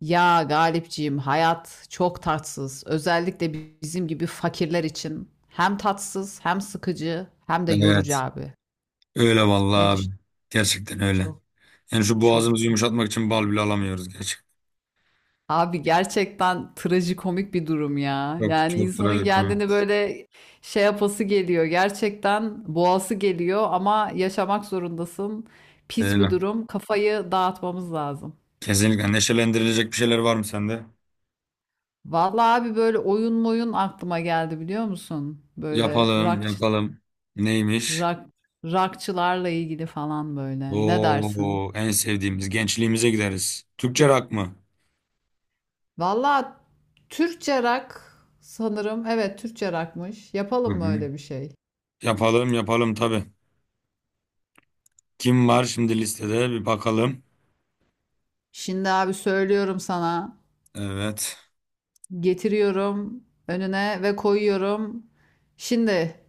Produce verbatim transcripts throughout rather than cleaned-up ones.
Ya Galipciğim hayat çok tatsız. Özellikle bizim gibi fakirler için hem tatsız hem sıkıcı hem de yorucu Evet. abi. Öyle vallahi Ne abi. düşün? Gerçekten öyle. Çok Yani şu çok boğazımızı çok. yumuşatmak için bal bile alamıyoruz gerçekten. Abi gerçekten trajikomik bir durum ya. Çok Yani çok insanın kendini trajikomik. böyle şey yapası geliyor. Gerçekten boğası geliyor ama yaşamak zorundasın. Pis bir Öyle. durum. Kafayı dağıtmamız lazım. Kesinlikle neşelendirilecek bir şeyler var mı sende? Vallahi abi böyle oyun moyun aklıma geldi biliyor musun? Böyle Yapalım, rock yapalım. Neymiş? Rock, rockçılarla ilgili falan böyle. Ne dersin? Oo, en sevdiğimiz gençliğimize gideriz. Türkçe rock mı? Valla Türkçe rock sanırım. Evet Türkçe rockmış. Hı Yapalım mı hı. öyle bir şey? Yapalım, yapalım tabii. Kim var şimdi listede? Bir bakalım. Şimdi abi söylüyorum sana. Evet. Getiriyorum önüne ve koyuyorum. Şimdi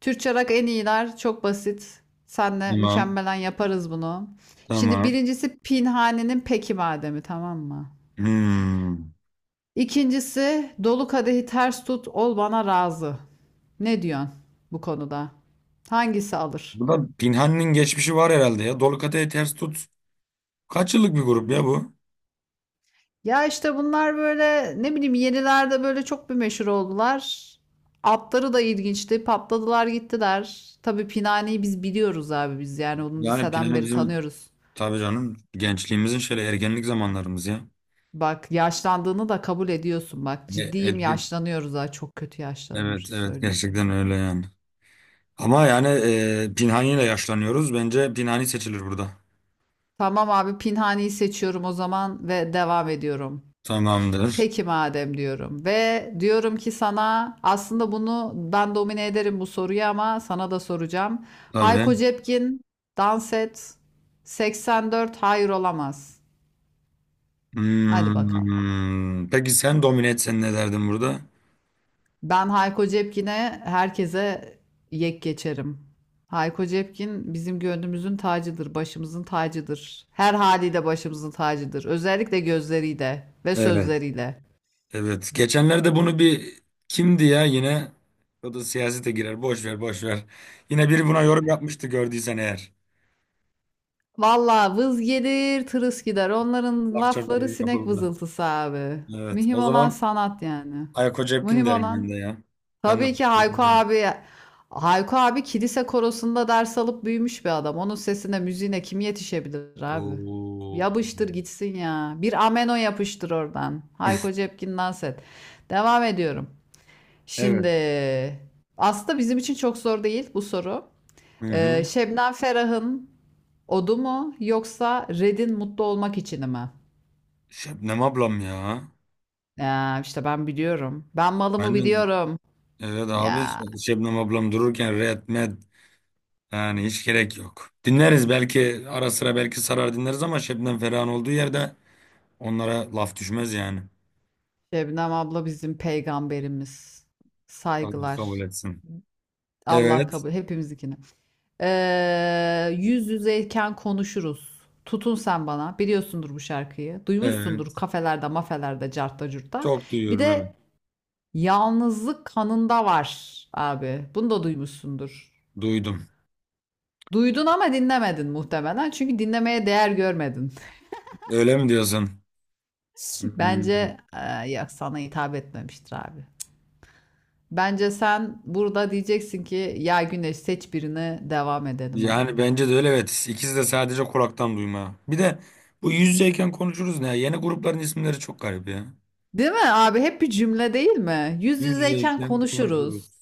Türkçe rock en iyiler. Çok basit. Senle Tamam. mükemmelen yaparız bunu. Şimdi Tamam. birincisi Pinhani'nin Peki Mademi tamam mı? Hmm. İkincisi dolu kadehi ters tut ol bana razı. Ne diyorsun bu konuda? Hangisi alır? Bu da Pinhani'nin geçmişi var herhalde ya. Dolu kadehi ters tut. Kaç yıllık bir grup ya bu? Ya işte bunlar böyle ne bileyim yenilerde böyle çok bir meşhur oldular. Atları da ilginçti. Patladılar gittiler. Tabii Pinani'yi biz biliyoruz abi biz yani onu Yani liseden Pinhane beri bizim, tanıyoruz. tabii canım, gençliğimizin şöyle ergenlik zamanlarımız ya. Bak yaşlandığını da kabul ediyorsun bak E- ciddiyim ettik. yaşlanıyoruz ha çok kötü yaşlanıyoruz Evet, evet, söyleyeyim sana. gerçekten öyle yani. Ama yani e, Pinhani ile yaşlanıyoruz. Bence Pinhani seçilir burada. Tamam abi Pinhani'yi seçiyorum o zaman ve devam ediyorum. Tamamdır. Peki madem diyorum ve diyorum ki sana aslında bunu ben domine ederim bu soruyu ama sana da soracağım. Hayko Tabii. Cepkin dans et seksen dört hayır olamaz. Hadi bakalım. Hmm. Peki sen domine etsen ne derdin burada? Ben Hayko Cepkin'e herkese yek geçerim. Hayko Cepkin bizim gönlümüzün tacıdır, başımızın tacıdır. Her haliyle başımızın tacıdır. Özellikle gözleriyle ve Evet. sözleriyle. Evet. Geçenlerde bunu bir, kimdi ya yine? O da siyasete girer. Boş ver, boş ver. Yine biri buna yorum yapmıştı, gördüysen eğer. Valla vız gelir, tırıs gider. Onların Lafça bir lafları yorum sinek yapıldı. vızıltısı abi. Evet. Mühim O olan zaman sanat yani. Ayako Cepkin Mühim derim ben de olan. ya. Ben de. Tabii ki Hayko abi. Hayko abi kilise korosunda ders alıp büyümüş bir adam. Onun sesine, müziğine kim yetişebilir abi? Oo. Yapıştır gitsin ya. Bir ameno yapıştır oradan. Hayko Cepkin dans et. Devam ediyorum. Şimdi Evet. aslında bizim için çok zor değil bu soru. Hı Ee, hı. Şebnem Ferah'ın Odu mu yoksa Red'in mutlu olmak için mi? Şebnem ablam ya. Ya işte ben biliyorum. Ben malımı Ben de, biliyorum. evet abi, Ya Şebnem ablam dururken Red Med yani hiç gerek yok. Dinleriz belki ara sıra, belki sarar dinleriz, ama Şebnem Ferah'ın olduğu yerde onlara laf düşmez yani. Şebnem abla bizim peygamberimiz. Allah kabul Saygılar. etsin. Allah Evet. kabul hepimizinkini. Ee, yüz yüzeyken konuşuruz. Tutun sen bana. Biliyorsundur bu şarkıyı. Duymuşsundur Evet. kafelerde, mafelerde, cartta, curtta. Çok Bir duyuyorum, evet. de Yalnızlık kanında var abi. Bunu da duymuşsundur. Duydum. Duydun ama dinlemedin muhtemelen. Çünkü dinlemeye değer görmedin. Öyle mi diyorsun? Hı hı. Bence eee yok sana hitap etmemiştir abi. Bence sen burada diyeceksin ki ya Güneş seç birine devam edelim abi. Yani bence de öyle, evet. İkisi de sadece kulaktan duyma. Bir de bu yüz yüzeyken konuşuruz ne? Yeni grupların isimleri çok garip ya. Değil mi abi? Hep bir cümle değil mi? Yüz Yüz yüzeyken yüzeyken konuşuruz. konuşuruz.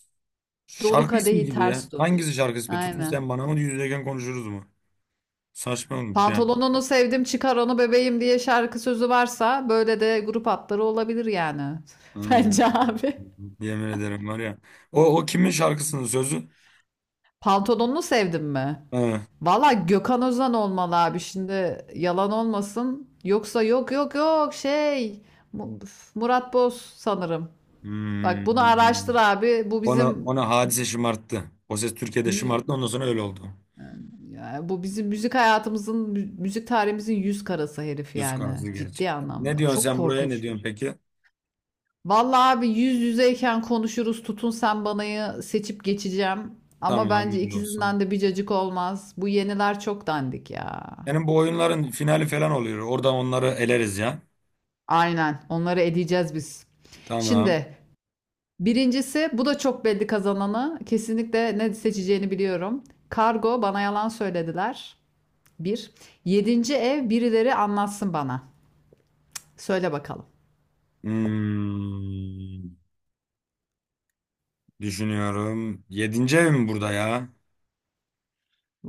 Dolu Şarkı ismi kadehi gibi ters ya. tut. Hangisi şarkı ismi? Tutun Aynen. sen bana mı, yüz yüzeyken konuşuruz mu? Saçma olmuş yani. Pantolonunu sevdim çıkar onu bebeğim diye şarkı sözü varsa böyle de grup hatları olabilir yani. Hmm. Bence abi. Yemin ederim var ya. O, o kimin şarkısının sözü? Pantolonunu sevdim mi? Ha. Valla Gökhan Özen olmalı abi şimdi yalan olmasın. Yoksa yok yok yok şey Mu- Murat Boz sanırım. Bak bunu araştır Hmm. abi. Bu Ona, bizim ona hadise şımarttı. O ses Türkiye'de şımarttı. mü- Ondan sonra öyle oldu. yani Yani bu bizim müzik hayatımızın mü- müzik tarihimizin yüz karası herif Yüz yani karası ciddi gerçekten. Ne anlamda. diyorsun Çok sen buraya, ne korkunç bir. diyorsun peki? Valla abi yüz yüzeyken konuşuruz. Tutun sen banayı seçip geçeceğim. Ama Tamam, bence öyle olsun. ikisinden de bir cacık olmaz. Bu yeniler çok dandik ya. Yani bu oyunların finali falan oluyor. Oradan onları eleriz ya. Aynen. Onları edeceğiz biz. Tamam. Şimdi birincisi bu da çok belli kazananı. Kesinlikle ne seçeceğini biliyorum. Kargo bana yalan söylediler. Bir. Yedinci ev birileri anlatsın bana. Söyle bakalım. Hmm, düşünüyorum. Yedinci ev mi burada ya?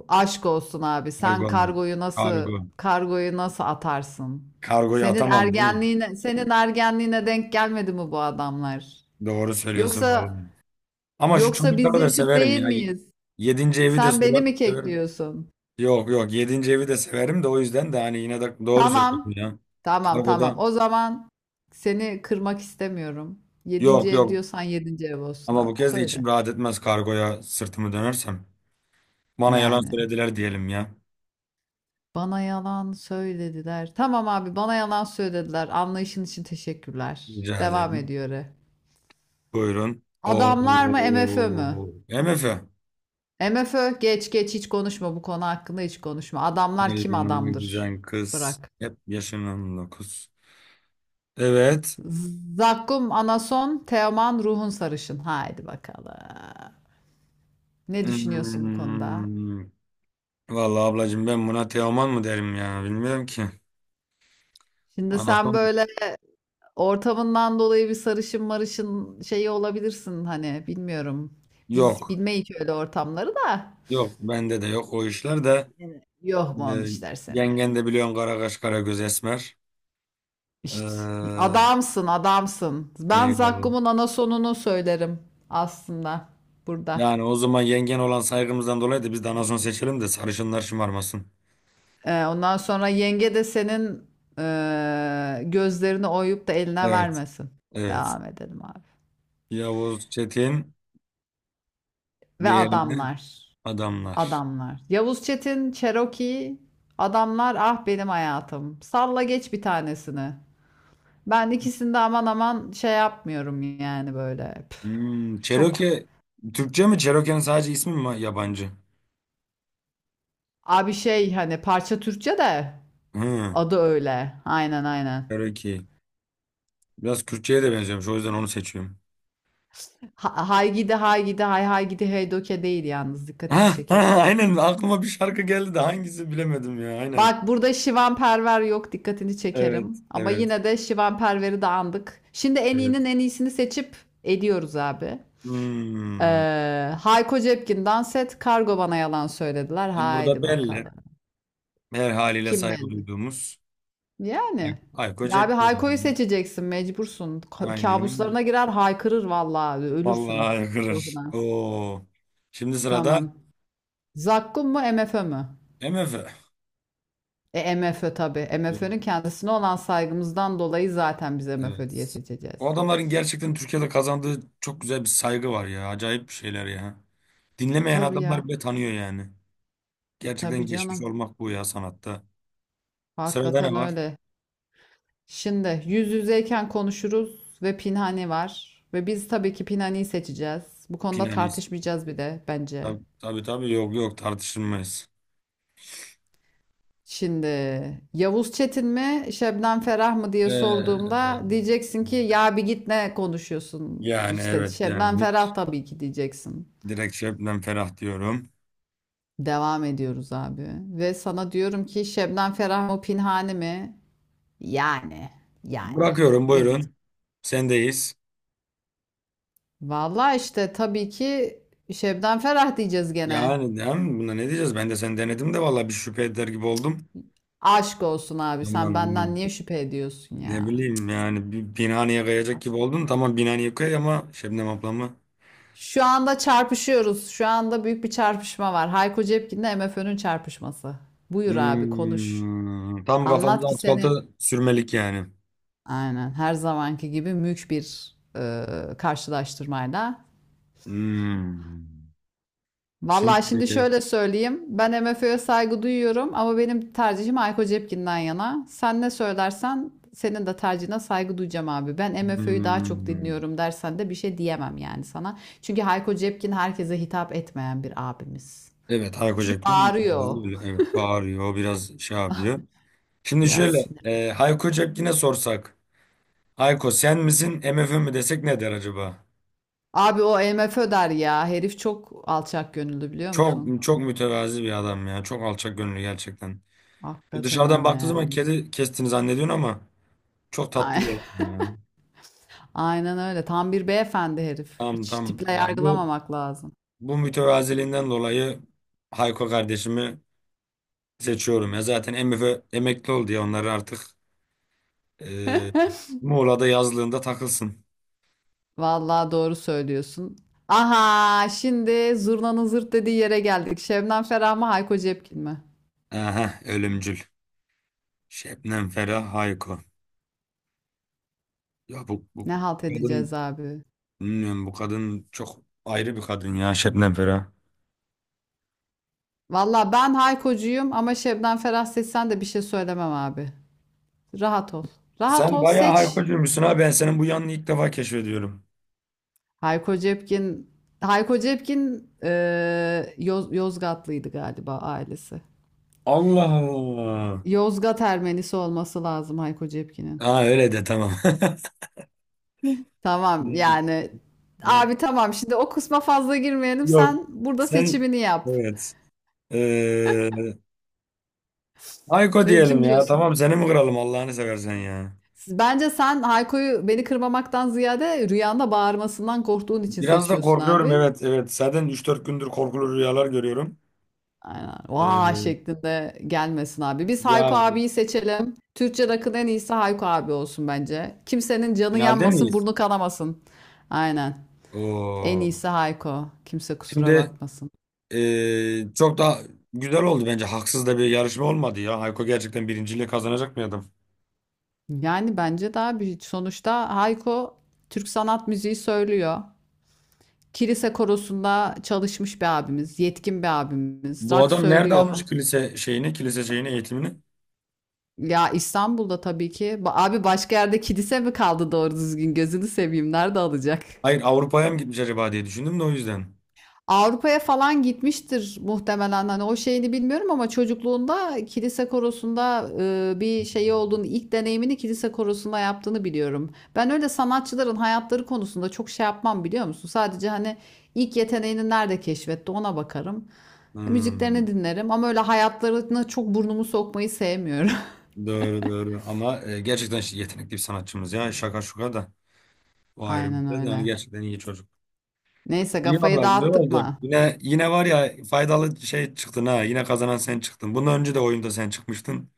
Aşk olsun abi. Kargo Sen mu? kargoyu nasıl Kargo. kargoyu nasıl atarsın? Kargoyu Senin atamam değil mi? Ergenliğine senin ergenliğine denk gelmedi mi bu adamlar? Doğru söylüyorsun Yoksa vallahi. Ama şu yoksa biz çocukları da yaşıt severim değil ya. miyiz? Yedinci evi de Sen beni sorar, mi severim. kekliyorsun? Yok, yok, yedinci evi de severim de o yüzden de hani yine de doğru söylüyorsun Tamam. ya. Tamam Kargoda tamam. O zaman seni kırmak istemiyorum. Yedinci yok, ev yok. diyorsan yedinci ev olsun Ama bu abi. kez de içim Söyle. rahat etmez kargoya sırtımı dönersem. Bana yalan Yani söylediler diyelim ya. bana yalan söylediler. Tamam abi bana yalan söylediler. Anlayışın için teşekkürler. Rica Devam ederim. ediyor. e. Buyurun. Oo. Adamlar mı MFÖ mü? M F. MFÖ geç geç hiç konuşma bu konu hakkında hiç konuşma. Adamlar kim Yanıma adamdır? güzel kız. Bırak. Hep yaşın on dokuz. Evet. Zakkum Anason, Teoman Ruhun Sarışın. Haydi bakalım. Ne düşünüyorsun bu konuda? Hmm. Vallahi ablacığım, ben buna Teoman mı derim ya, bilmiyorum ki. Şimdi sen Anason böyle ortamından dolayı bir sarışın marışın şeyi olabilirsin hani bilmiyorum. Biz yok. bilmeyik öyle ortamları da. Yok, bende de yok o işler de. Evet. Yok mu onun Ee, işler seninle? yengen de biliyorsun, kara kaş kara göz esmer. İşte Ee, adamsın adamsın. Ben eyvallah. Zakkum'un anasonunu söylerim aslında burada. Yani o zaman yengen olan saygımızdan dolayı da biz de anason seçelim de sarışınlar şımarmasın. Ee, ondan sonra yenge de senin eee, gözlerini oyup da eline Evet. vermesin. Evet. Devam edelim abi. Yavuz Çetin, Ve diğerini adamlar. adamlar. Adamlar. Yavuz Çetin, Cherokee, adamlar ah benim hayatım. Salla geç bir tanesini. Ben ikisinde aman aman şey yapmıyorum yani böyle. Püf, Hmm, çok Cherokee Türkçe mi? Cherokee'nin sadece ismi mi yabancı? abi şey hani parça Türkçe de Hı, adı öyle. Aynen aynen. Cherokee. Biraz Kürtçe'ye de benziyormuş. O yüzden onu seçiyorum. Ha, hay gidi hay gidi hay hay gidi hey doke değil yalnız dikkatini Ha, ha, çekerim. aynen aklıma bir şarkı geldi de hangisi bilemedim ya. Aynen. Bak burada Şivan Perver yok dikkatini Evet, çekerim. Ama evet, yine de Şivan Perver'i de andık. Şimdi en iyinin evet. en iyisini seçip ediyoruz abi. Hmm. Ee, Hayko Cepkin'den set kargo bana yalan söylediler. Şimdi burada Haydi belli. bakalım. Her haliyle Kim saygı belli? duyduğumuz. Bak, Yani. Ayko Ya abi Hayko'yu Cepkin. seçeceksin mecbursun. Ka- Aynen öyle. Kabuslarına girer haykırır vallahi ölürsün Vallahi kırır. korkudan. Oo. Şimdi sırada Tamam. Zakkum mu MFÖ mü? M F. E MFÖ tabii. MFÖ'nün kendisine olan saygımızdan dolayı zaten biz MFÖ diye Evet. O seçeceğiz. adamların gerçekten Türkiye'de kazandığı çok güzel bir saygı var ya. Acayip bir şeyler ya. Dinlemeyen Tabii adamlar ya. bile tanıyor yani. Gerçekten Tabii geçmiş canım. olmak bu ya sanatta. Sırada ne Hakikaten var? öyle. Şimdi yüz yüzeyken konuşuruz ve Pinhani var. Ve biz tabii ki Pinhani'yi seçeceğiz. Bu konuda Pinanis. tartışmayacağız bir de bence. Tabii, tabii, tabii. Yok, yok, tartışılmaz. Şimdi Yavuz Çetin mi Şebnem Ferah mı diye Ee, sorduğumda diyeceksin ki ya bir git ne konuşuyorsun yani işte evet, Şebnem yani hiç, Ferah tabii ki diyeceksin. direkt Şebnem Ferah diyorum. Devam ediyoruz abi ve sana diyorum ki Şebnem Ferah mı Pinhani mi? Yani yani. Bırakıyorum, Ne buyurun. diyeceğim? Sendeyiz. Vallahi işte tabii ki Şebnem Ferah diyeceğiz gene. Yani değil mi? Buna ne diyeceğiz? Ben de sen denedim de vallahi bir şüphe eder gibi oldum. Aşk olsun abi sen Aman, benden aman. niye şüphe ediyorsun Ne ya? bileyim yani, bir Binani'ye kayacak gibi Aşk. oldun. Tamam, Binani'ye kay ama Şebnem ablamı. Şu anda çarpışıyoruz. Şu anda büyük bir çarpışma var. Hayko Cepkin'le MFÖ'nün çarpışması. Buyur abi konuş. Hmm, tam kafamızı Anlat ki asfalta seni sürmelik yani. aynen her zamanki gibi mülk bir e, karşılaştırmayla. Hmm. Vallahi şimdi Şimdi şöyle söyleyeyim. Ben MFÖ'ye saygı duyuyorum ama benim tercihim Ayko Cepkin'den yana. Sen ne söylersen senin de tercihine saygı duyacağım abi. Ben MFÖ'yü daha çok hmm, dinliyorum dersen de bir şey diyemem yani sana. Çünkü Hayko Cepkin herkese hitap etmeyen bir abimiz. evet, Hayko Çünkü Cepkin biraz bağırıyor da öyle, evet bağırıyor, biraz şey yapıyor. Şimdi biraz şöyle sinir. e, Hayko Cepkin'e sorsak, Hayko sen misin MFÖ mi desek ne der acaba? Abi o MFÖ der ya. Herif çok alçak gönüllü biliyor musun? Çok çok mütevazi bir adam ya, çok alçak gönüllü gerçekten. Hakikaten Dışarıdan öyle baktığı zaman yani. kedi kestiğini zannediyorsun ama çok tatlı Ay- bir eleman ya. Aynen öyle. Tam bir beyefendi herif. Tamam, Hiç tamam. tiple Ya bu yargılamamak lazım. bu mütevaziliğinden dolayı Hayko kardeşimi seçiyorum ya. Zaten M F emekli oldu ya, onları artık e, Muğla'da yazlığında takılsın. Vallahi doğru söylüyorsun. Aha, şimdi zurnanın zırt dediği yere geldik. Şebnem Ferah mı, Hayko Cepkin mi? Aha ölümcül. Şebnem Ferah Hayko. Ya bu bu Ne halt edeceğiz kadın, abi? bilmiyorum, bu kadın çok ayrı bir kadın ya, Şebnem Ferah. Vallahi ben Hayko'cuyum ama Şebnem Ferah seçsen de bir şey söylemem abi. Rahat ol. Rahat Sen ol, bayağı seç. Haykocuymuşsun ha, ben senin bu yanını ilk defa keşfediyorum. Hayko Cepkin, Hayko Cepkin eee, Yoz- Yozgatlıydı galiba ailesi. Allah Allah. Yozgat Ermenisi olması lazım Hayko Cepkin'in. Ha, öyle de tamam. Tamam yani Hı. abi tamam şimdi o kısma fazla girmeyelim Yok. sen burada Sen, seçimini yap. evet. Ee, Hayko Ne, diyelim kim ya. diyorsun? Tamam, seni mi kıralım Allah'ını seversen ya. Siz- Bence sen Hayko'yu beni kırmamaktan ziyade rüyanda bağırmasından korktuğun için Biraz da seçiyorsun korkuyorum, abi. evet, evet. Zaten üç dört gündür korkulu rüyalar görüyorum. Aynen. Vaa Ee, şeklinde gelmesin abi. Biz Hayko yani abiyi seçelim. Türkçe rock'ın en iyisi Hayko abi olsun bence. Kimsenin canı finalde yanmasın, miyiz? burnu kanamasın. Aynen. En Oo. iyisi Hayko. Kimse kusura Şimdi bakmasın. ee, çok da güzel oldu bence. Haksız da bir yarışma olmadı ya. Ayko gerçekten birinciliği kazanacak mı adam? Yani bence daha büyük. Sonuçta Hayko Türk sanat müziği söylüyor. Kilise korosunda çalışmış bir abimiz, yetkin bir abimiz. Bu Rock adam nerede söylüyor. almış kilise şeyini, kilise şeyini, eğitimini? Ya İstanbul'da tabii ki. Ba- Abi başka yerde kilise mi kaldı doğru düzgün? Gözünü seveyim. Nerede alacak? Hayır, Avrupa'ya mı gitmiş acaba diye düşündüm de o yüzden. Avrupa'ya falan gitmiştir muhtemelen. Hani o şeyini bilmiyorum ama çocukluğunda kilise korosunda e, bir şeyi olduğunu, ilk deneyimini kilise korosunda yaptığını biliyorum. Ben öyle sanatçıların hayatları konusunda çok şey yapmam biliyor musun? Sadece hani ilk yeteneğini nerede keşfetti ona bakarım. Hmm. Müziklerini dinlerim ama öyle hayatlarına çok burnumu sokmayı sevmiyorum. Doğru, doğru, ama e, gerçekten şi- yetenekli bir sanatçımız ya, şaka şuka da o ayrı bir Aynen şey de yani öyle. gerçekten iyi çocuk. Neyse İyi kafayı valla, güzel dağıttık oldu. mı? Yine, yine var ya, faydalı şey çıktın ha, yine kazanan sen çıktın. Bundan önce de oyunda sen çıkmıştın,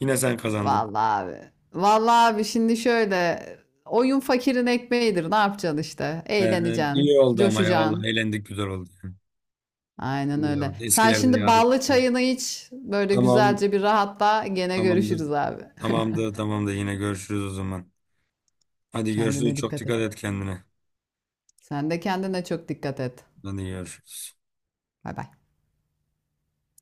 yine sen kazandın. Vallahi abi. Vallahi abi şimdi şöyle oyun fakirin ekmeğidir. Ne yapacaksın işte? Ee, Eğleneceksin, iyi oldu ama, ya coşacaksın. vallahi eğlendik, güzel oldu yani. Aynen İyi öyle. oldu. Sen Eskilerde şimdi yad ettik. ballı çayını iç. Böyle Tamam, güzelce bir rahatla. Gene tamamdır, görüşürüz abi. tamamdır, tamamdır, yine görüşürüz o zaman. Hadi görüşürüz, Kendine çok dikkat et. dikkat et kendine. Sen de kendine çok dikkat et. Hadi görüşürüz. Bay bay.